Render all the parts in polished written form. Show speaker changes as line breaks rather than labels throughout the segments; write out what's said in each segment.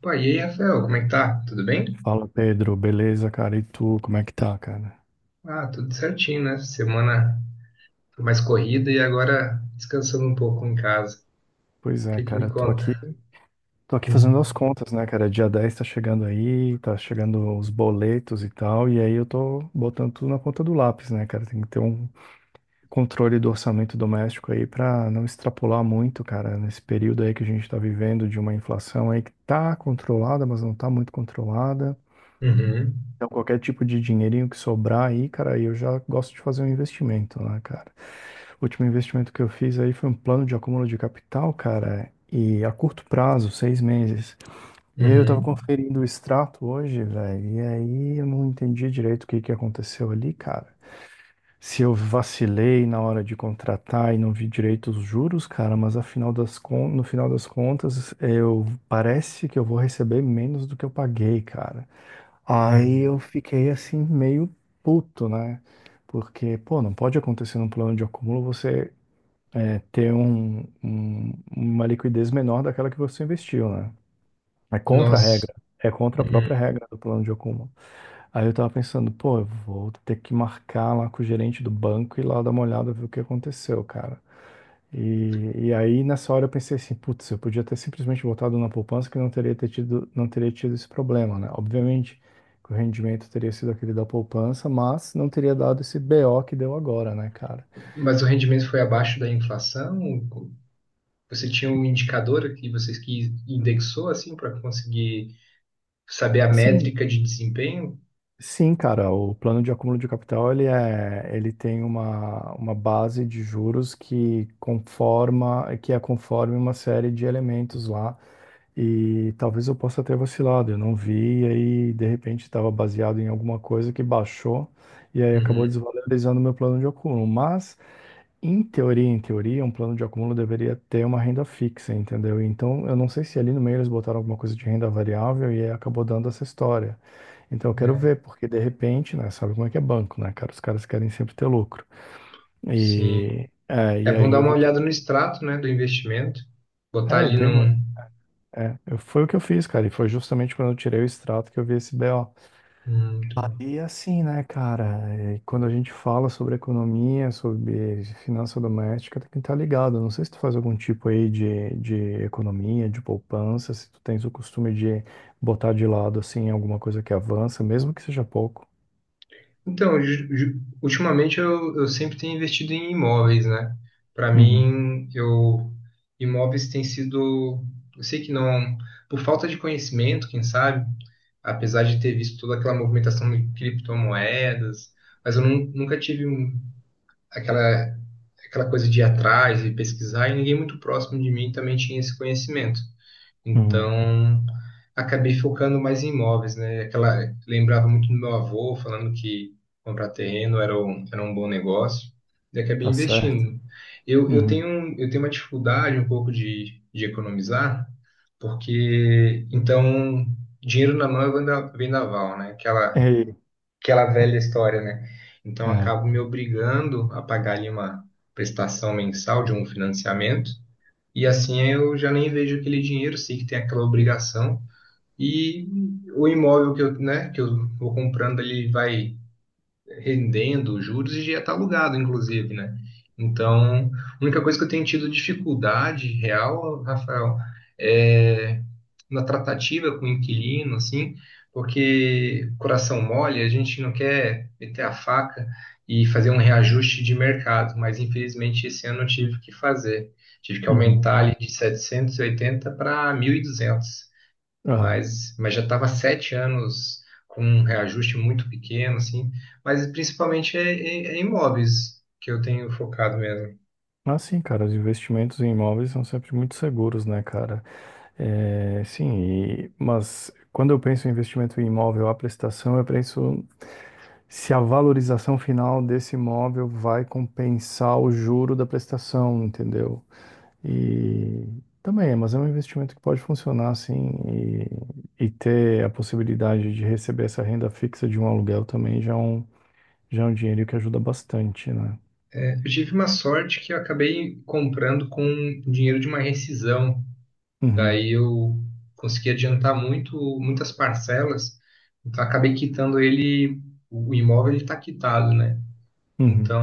Pô, e aí, Rafael, como é que tá? Tudo bem?
Fala Pedro, beleza, cara? E tu, como é que tá, cara?
Ah, tudo certinho, né? Semana foi mais corrida e agora descansando um pouco em casa.
Pois
O
é,
que que me
cara, tô aqui,
conta?
tô aqui fazendo
Hum.
as contas, né, cara? Dia 10 tá chegando aí, tá chegando os boletos e tal, e aí eu tô botando tudo na ponta do lápis, né, cara? Tem que ter um controle do orçamento doméstico aí pra não extrapolar muito, cara, nesse período aí que a gente tá vivendo de uma inflação aí que tá controlada, mas não tá muito controlada.
Uhum,
Então, qualquer tipo de dinheirinho que sobrar aí, cara, aí eu já gosto de fazer um investimento, né, cara? O último investimento que eu fiz aí foi um plano de acúmulo de capital, cara, e a curto prazo, 6 meses. E aí eu tava
uhum.
conferindo o extrato hoje, velho, e aí eu não entendi direito o que que aconteceu ali, cara. Se eu vacilei na hora de contratar e não vi direito os juros, cara, mas no final das contas, eu parece que eu vou receber menos do que eu paguei, cara. Aí eu
Hum,
fiquei assim meio puto, né? Porque, pô, não pode acontecer num plano de acúmulo você ter uma liquidez menor daquela que você investiu, né? É contra a
nossa.
regra. É contra a
Uhum.
própria regra do plano de acúmulo. Aí eu tava pensando, pô, eu vou ter que marcar lá com o gerente do banco e lá dar uma olhada, ver o que aconteceu, cara. E aí nessa hora eu pensei assim, putz, eu podia ter simplesmente botado na poupança que não teria tido esse problema, né? Obviamente que o rendimento teria sido aquele da poupança, mas não teria dado esse BO que deu agora, né, cara?
Mas o rendimento foi abaixo da inflação? Você tinha um indicador que vocês que indexou assim para conseguir saber a
Sim,
métrica de desempenho?
sim, cara, o plano de acúmulo de capital, ele tem uma base de juros que é conforme uma série de elementos lá, e talvez eu possa ter vacilado, eu não vi, e aí de repente estava baseado em alguma coisa que baixou, e aí acabou
Uhum,
desvalorizando meu plano de acúmulo, mas em teoria, um plano de acúmulo deveria ter uma renda fixa, entendeu? Então, eu não sei se ali no meio eles botaram alguma coisa de renda variável e aí acabou dando essa história. Então, eu quero
né?
ver, porque de repente, né, sabe como é que é banco, né, cara? Os caras querem sempre ter lucro.
Sim.
E, é,
É
e
bom
aí
dar
eu
uma
vou ter que.
olhada no extrato, né, do investimento, botar
É, eu
ali
dei uma.
num,
É, foi o que eu fiz, cara, e foi justamente quando eu tirei o extrato que eu vi esse BO.
hum, muito bom.
E assim, né, cara, quando a gente fala sobre economia, sobre finança doméstica, tem que estar ligado. Não sei se tu faz algum tipo aí de economia, de poupança, se tu tens o costume de botar de lado, assim, alguma coisa que avança, mesmo que seja pouco.
Então, ultimamente eu sempre tenho investido em imóveis, né? Para
Uhum,
mim, eu imóveis tem sido, eu sei que não, por falta de conhecimento, quem sabe, apesar de ter visto toda aquela movimentação de criptomoedas, mas nunca tive aquela aquela coisa de ir atrás e pesquisar, e ninguém muito próximo de mim também tinha esse conhecimento.
uhum,
Então, acabei focando mais em imóveis, né? Aquela, lembrava muito do meu avô falando que comprar terreno era um bom negócio, e acabei
tá certo.
investindo. Eu, eu
Uhum.
tenho, um- eu tenho uma dificuldade um pouco de economizar, porque, então, dinheiro na mão é vendaval, né? Aquela,
Ei,
aquela velha história, né? Então, eu
é,
acabo me obrigando a pagar ali uma prestação mensal de um financiamento, e assim eu já nem vejo aquele dinheiro, sei que tem aquela obrigação. E o imóvel que eu vou comprando, ele vai rendendo juros e já está alugado, inclusive, né? Então, a única coisa que eu tenho tido dificuldade real, Rafael, é na tratativa com o inquilino, assim, porque coração mole, a gente não quer meter a faca e fazer um reajuste de mercado, mas infelizmente esse ano eu tive que fazer. Tive que
uhum.
aumentar ali de 780 para 1.200,
Aham.
mas, já estava sete anos com um reajuste muito pequeno, assim, mas principalmente é imóveis que eu tenho focado mesmo.
Ah, sim, cara, os investimentos em imóveis são sempre muito seguros, né, cara? É, sim, mas quando eu penso em investimento em imóvel, a prestação, eu penso se a valorização final desse imóvel vai compensar o juro da prestação, entendeu? E também, mas é um investimento que pode funcionar assim e ter a possibilidade de receber essa renda fixa de um aluguel também já é um dinheiro que ajuda bastante, né?
É, eu tive uma sorte que eu acabei comprando com dinheiro de uma rescisão,
Uhum,
daí eu consegui adiantar muito, muitas parcelas, então acabei quitando ele, o imóvel ele está quitado, né?
uhum.
Então,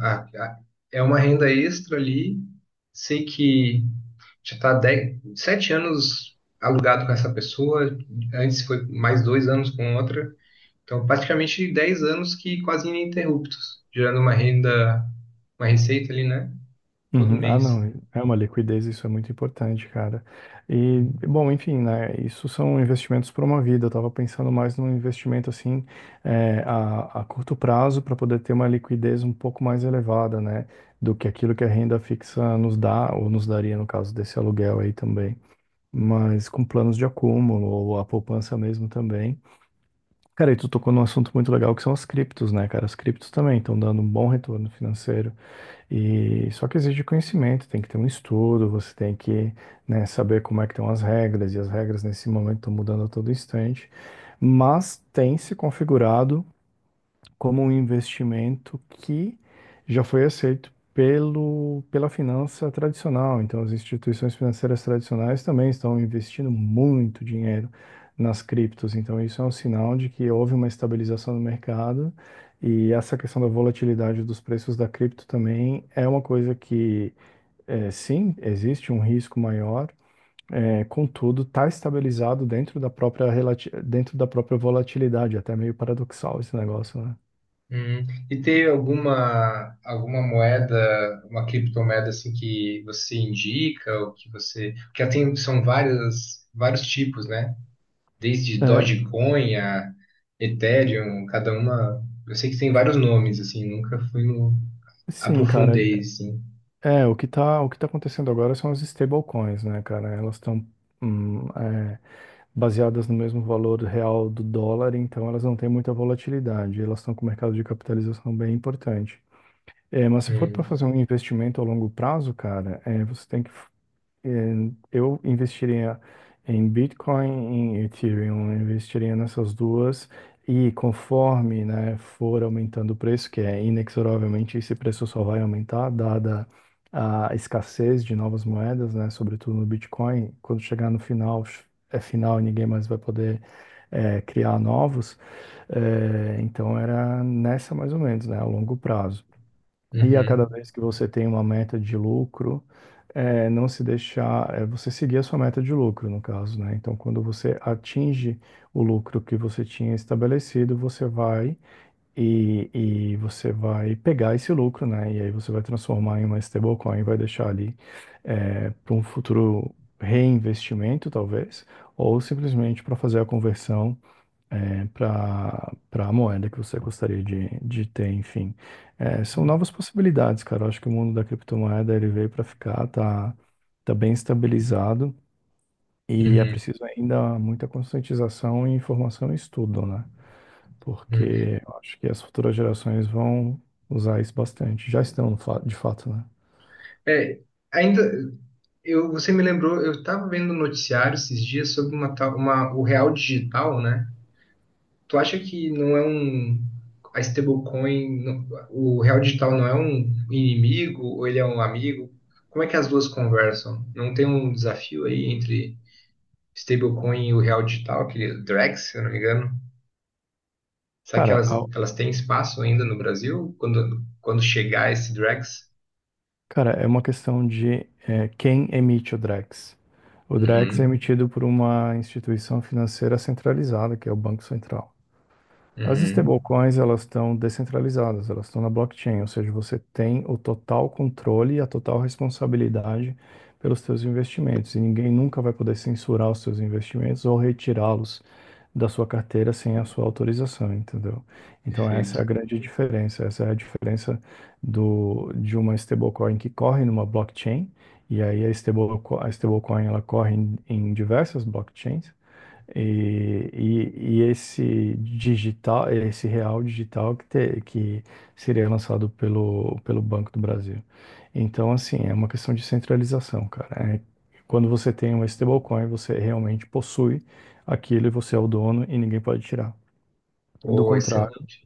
a- a- é uma renda extra ali. Sei que já está sete anos alugado com essa pessoa, antes foi mais dois anos com outra. Então, praticamente 10 anos que quase ininterruptos, gerando uma renda, uma receita ali, né? Todo
Uhum. Ah,
mês.
não, é uma liquidez, isso é muito importante, cara. E, bom, enfim, né, isso são investimentos para uma vida. Eu estava pensando mais num investimento, assim, a curto prazo, para poder ter uma liquidez um pouco mais elevada, né, do que aquilo que a renda fixa nos dá, ou nos daria, no caso desse aluguel aí também. Mas com planos de acúmulo, ou a poupança mesmo também. Cara, e tu tocou num assunto muito legal, que são as criptos, né, cara? As criptos também estão dando um bom retorno financeiro. E só que exige conhecimento, tem que ter um estudo, você tem que, né, saber como é que estão as regras, e as regras nesse momento estão mudando a todo instante. Mas tem se configurado como um investimento que já foi aceito pela finança tradicional. Então, as instituições financeiras tradicionais também estão investindo muito dinheiro nas criptos. Então, isso é um sinal de que houve uma estabilização no mercado e essa questão da volatilidade dos preços da cripto também é uma coisa que, sim, existe um risco maior. É, contudo, está estabilizado dentro da própria volatilidade, até meio paradoxal esse negócio, né?
E ter alguma moeda, uma criptomoeda assim que você indica, ou que você, porque tem, são várias vários tipos, né? Desde
É,
Dogecoin a Ethereum, cada uma. Eu sei que tem vários nomes, assim, nunca fui no.
sim, cara.
Aprofundei, assim.
É, o que tá acontecendo agora são as stablecoins, né, cara? Elas estão baseadas no mesmo valor real do dólar, então elas não têm muita volatilidade. Elas estão com um mercado de capitalização bem importante. É, mas se for para fazer
Hum,
um investimento a longo prazo, cara, você tem que eh, eu investiria em Bitcoin, em Ethereum, eu investiria nessas duas e conforme, né, for aumentando o preço, que é inexoravelmente esse preço só vai aumentar, dada a escassez de novas moedas, né, sobretudo no Bitcoin, quando chegar no final, é final e ninguém mais vai poder criar novos, então era nessa mais ou menos, né, a longo prazo. E a cada
uhum,
vez que você tem uma meta de lucro, não se deixar, você seguir a sua meta de lucro, no caso, né? Então, quando você atinge o lucro que você tinha estabelecido, você vai e você vai pegar esse lucro, né? E aí você vai transformar em uma stablecoin, vai deixar ali, para um futuro reinvestimento, talvez, ou simplesmente para fazer a conversão para a moeda que você gostaria de ter, enfim. É, são novas possibilidades, cara. Eu acho que o mundo da criptomoeda ele veio para ficar, tá, tá bem estabilizado e é
uhum,
preciso ainda muita conscientização e informação e estudo, né?
uhum.
Porque eu acho que as futuras gerações vão usar isso bastante. Já estão, de fato, né?
É, ainda. Eu, você me lembrou, eu estava vendo um noticiário esses dias sobre o real digital, né? Tu acha que não é um. A stablecoin, o real digital não é um inimigo ou ele é um amigo? Como é que as duas conversam? Não tem um desafio aí entre stablecoin e o real digital, aquele Drex, se eu não me engano. Será que
Cara,
elas têm espaço ainda no Brasil quando, quando chegar esse Drex?
Cara, é uma questão de quem emite o Drex. O Drex é
Uhum,
emitido por uma instituição financeira centralizada, que é o Banco Central. As
uhum,
stablecoins, elas estão descentralizadas, elas estão na blockchain, ou seja, você tem o total controle e a total responsabilidade pelos seus investimentos, e ninguém nunca vai poder censurar os seus investimentos ou retirá-los da sua carteira sem a sua autorização, entendeu? Então essa é a
perfeito.
grande diferença, essa é a diferença de uma stablecoin que corre numa blockchain, e aí a stablecoin ela corre em diversas blockchains, e esse real digital que seria lançado pelo Banco do Brasil. Então, assim, é uma questão de centralização, cara. É, quando você tem uma stablecoin, você realmente possui aquilo e você é o dono e ninguém pode tirar. Do
Oh,
contrário.
excelente.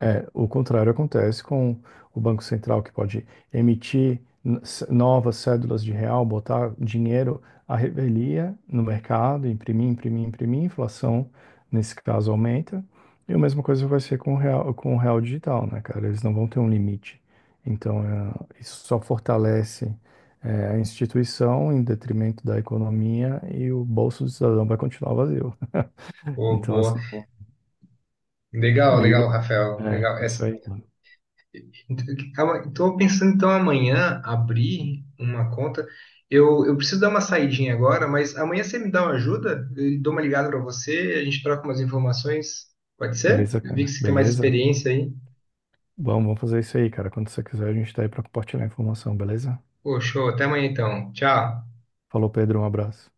É, o contrário acontece com o Banco Central, que pode emitir novas cédulas de real, botar dinheiro à revelia no mercado, imprimir, imprimir, imprimir, a inflação, nesse caso, aumenta. E a mesma coisa vai ser com o real digital, né, cara? Eles não vão ter um limite. Então, isso só fortalece, a instituição em detrimento da economia e o bolso do cidadão vai continuar vazio.
Oh,
Então,
boa.
assim,
Legal, legal,
meio.
Rafael.
É,
Legal. Essa-
isso aí.
estou pensando então amanhã abrir uma conta. Eu preciso dar uma saidinha agora, mas amanhã você me dá uma ajuda? Eu dou uma ligada para você, a gente troca umas informações. Pode ser?
Beleza,
Eu vi que
cara?
você tem mais
Beleza?
experiência aí.
Vamos fazer isso aí, cara. Quando você quiser, a gente tá aí pra compartilhar informação, beleza?
Pô, até amanhã então. Tchau.
Falou, Pedro, um abraço.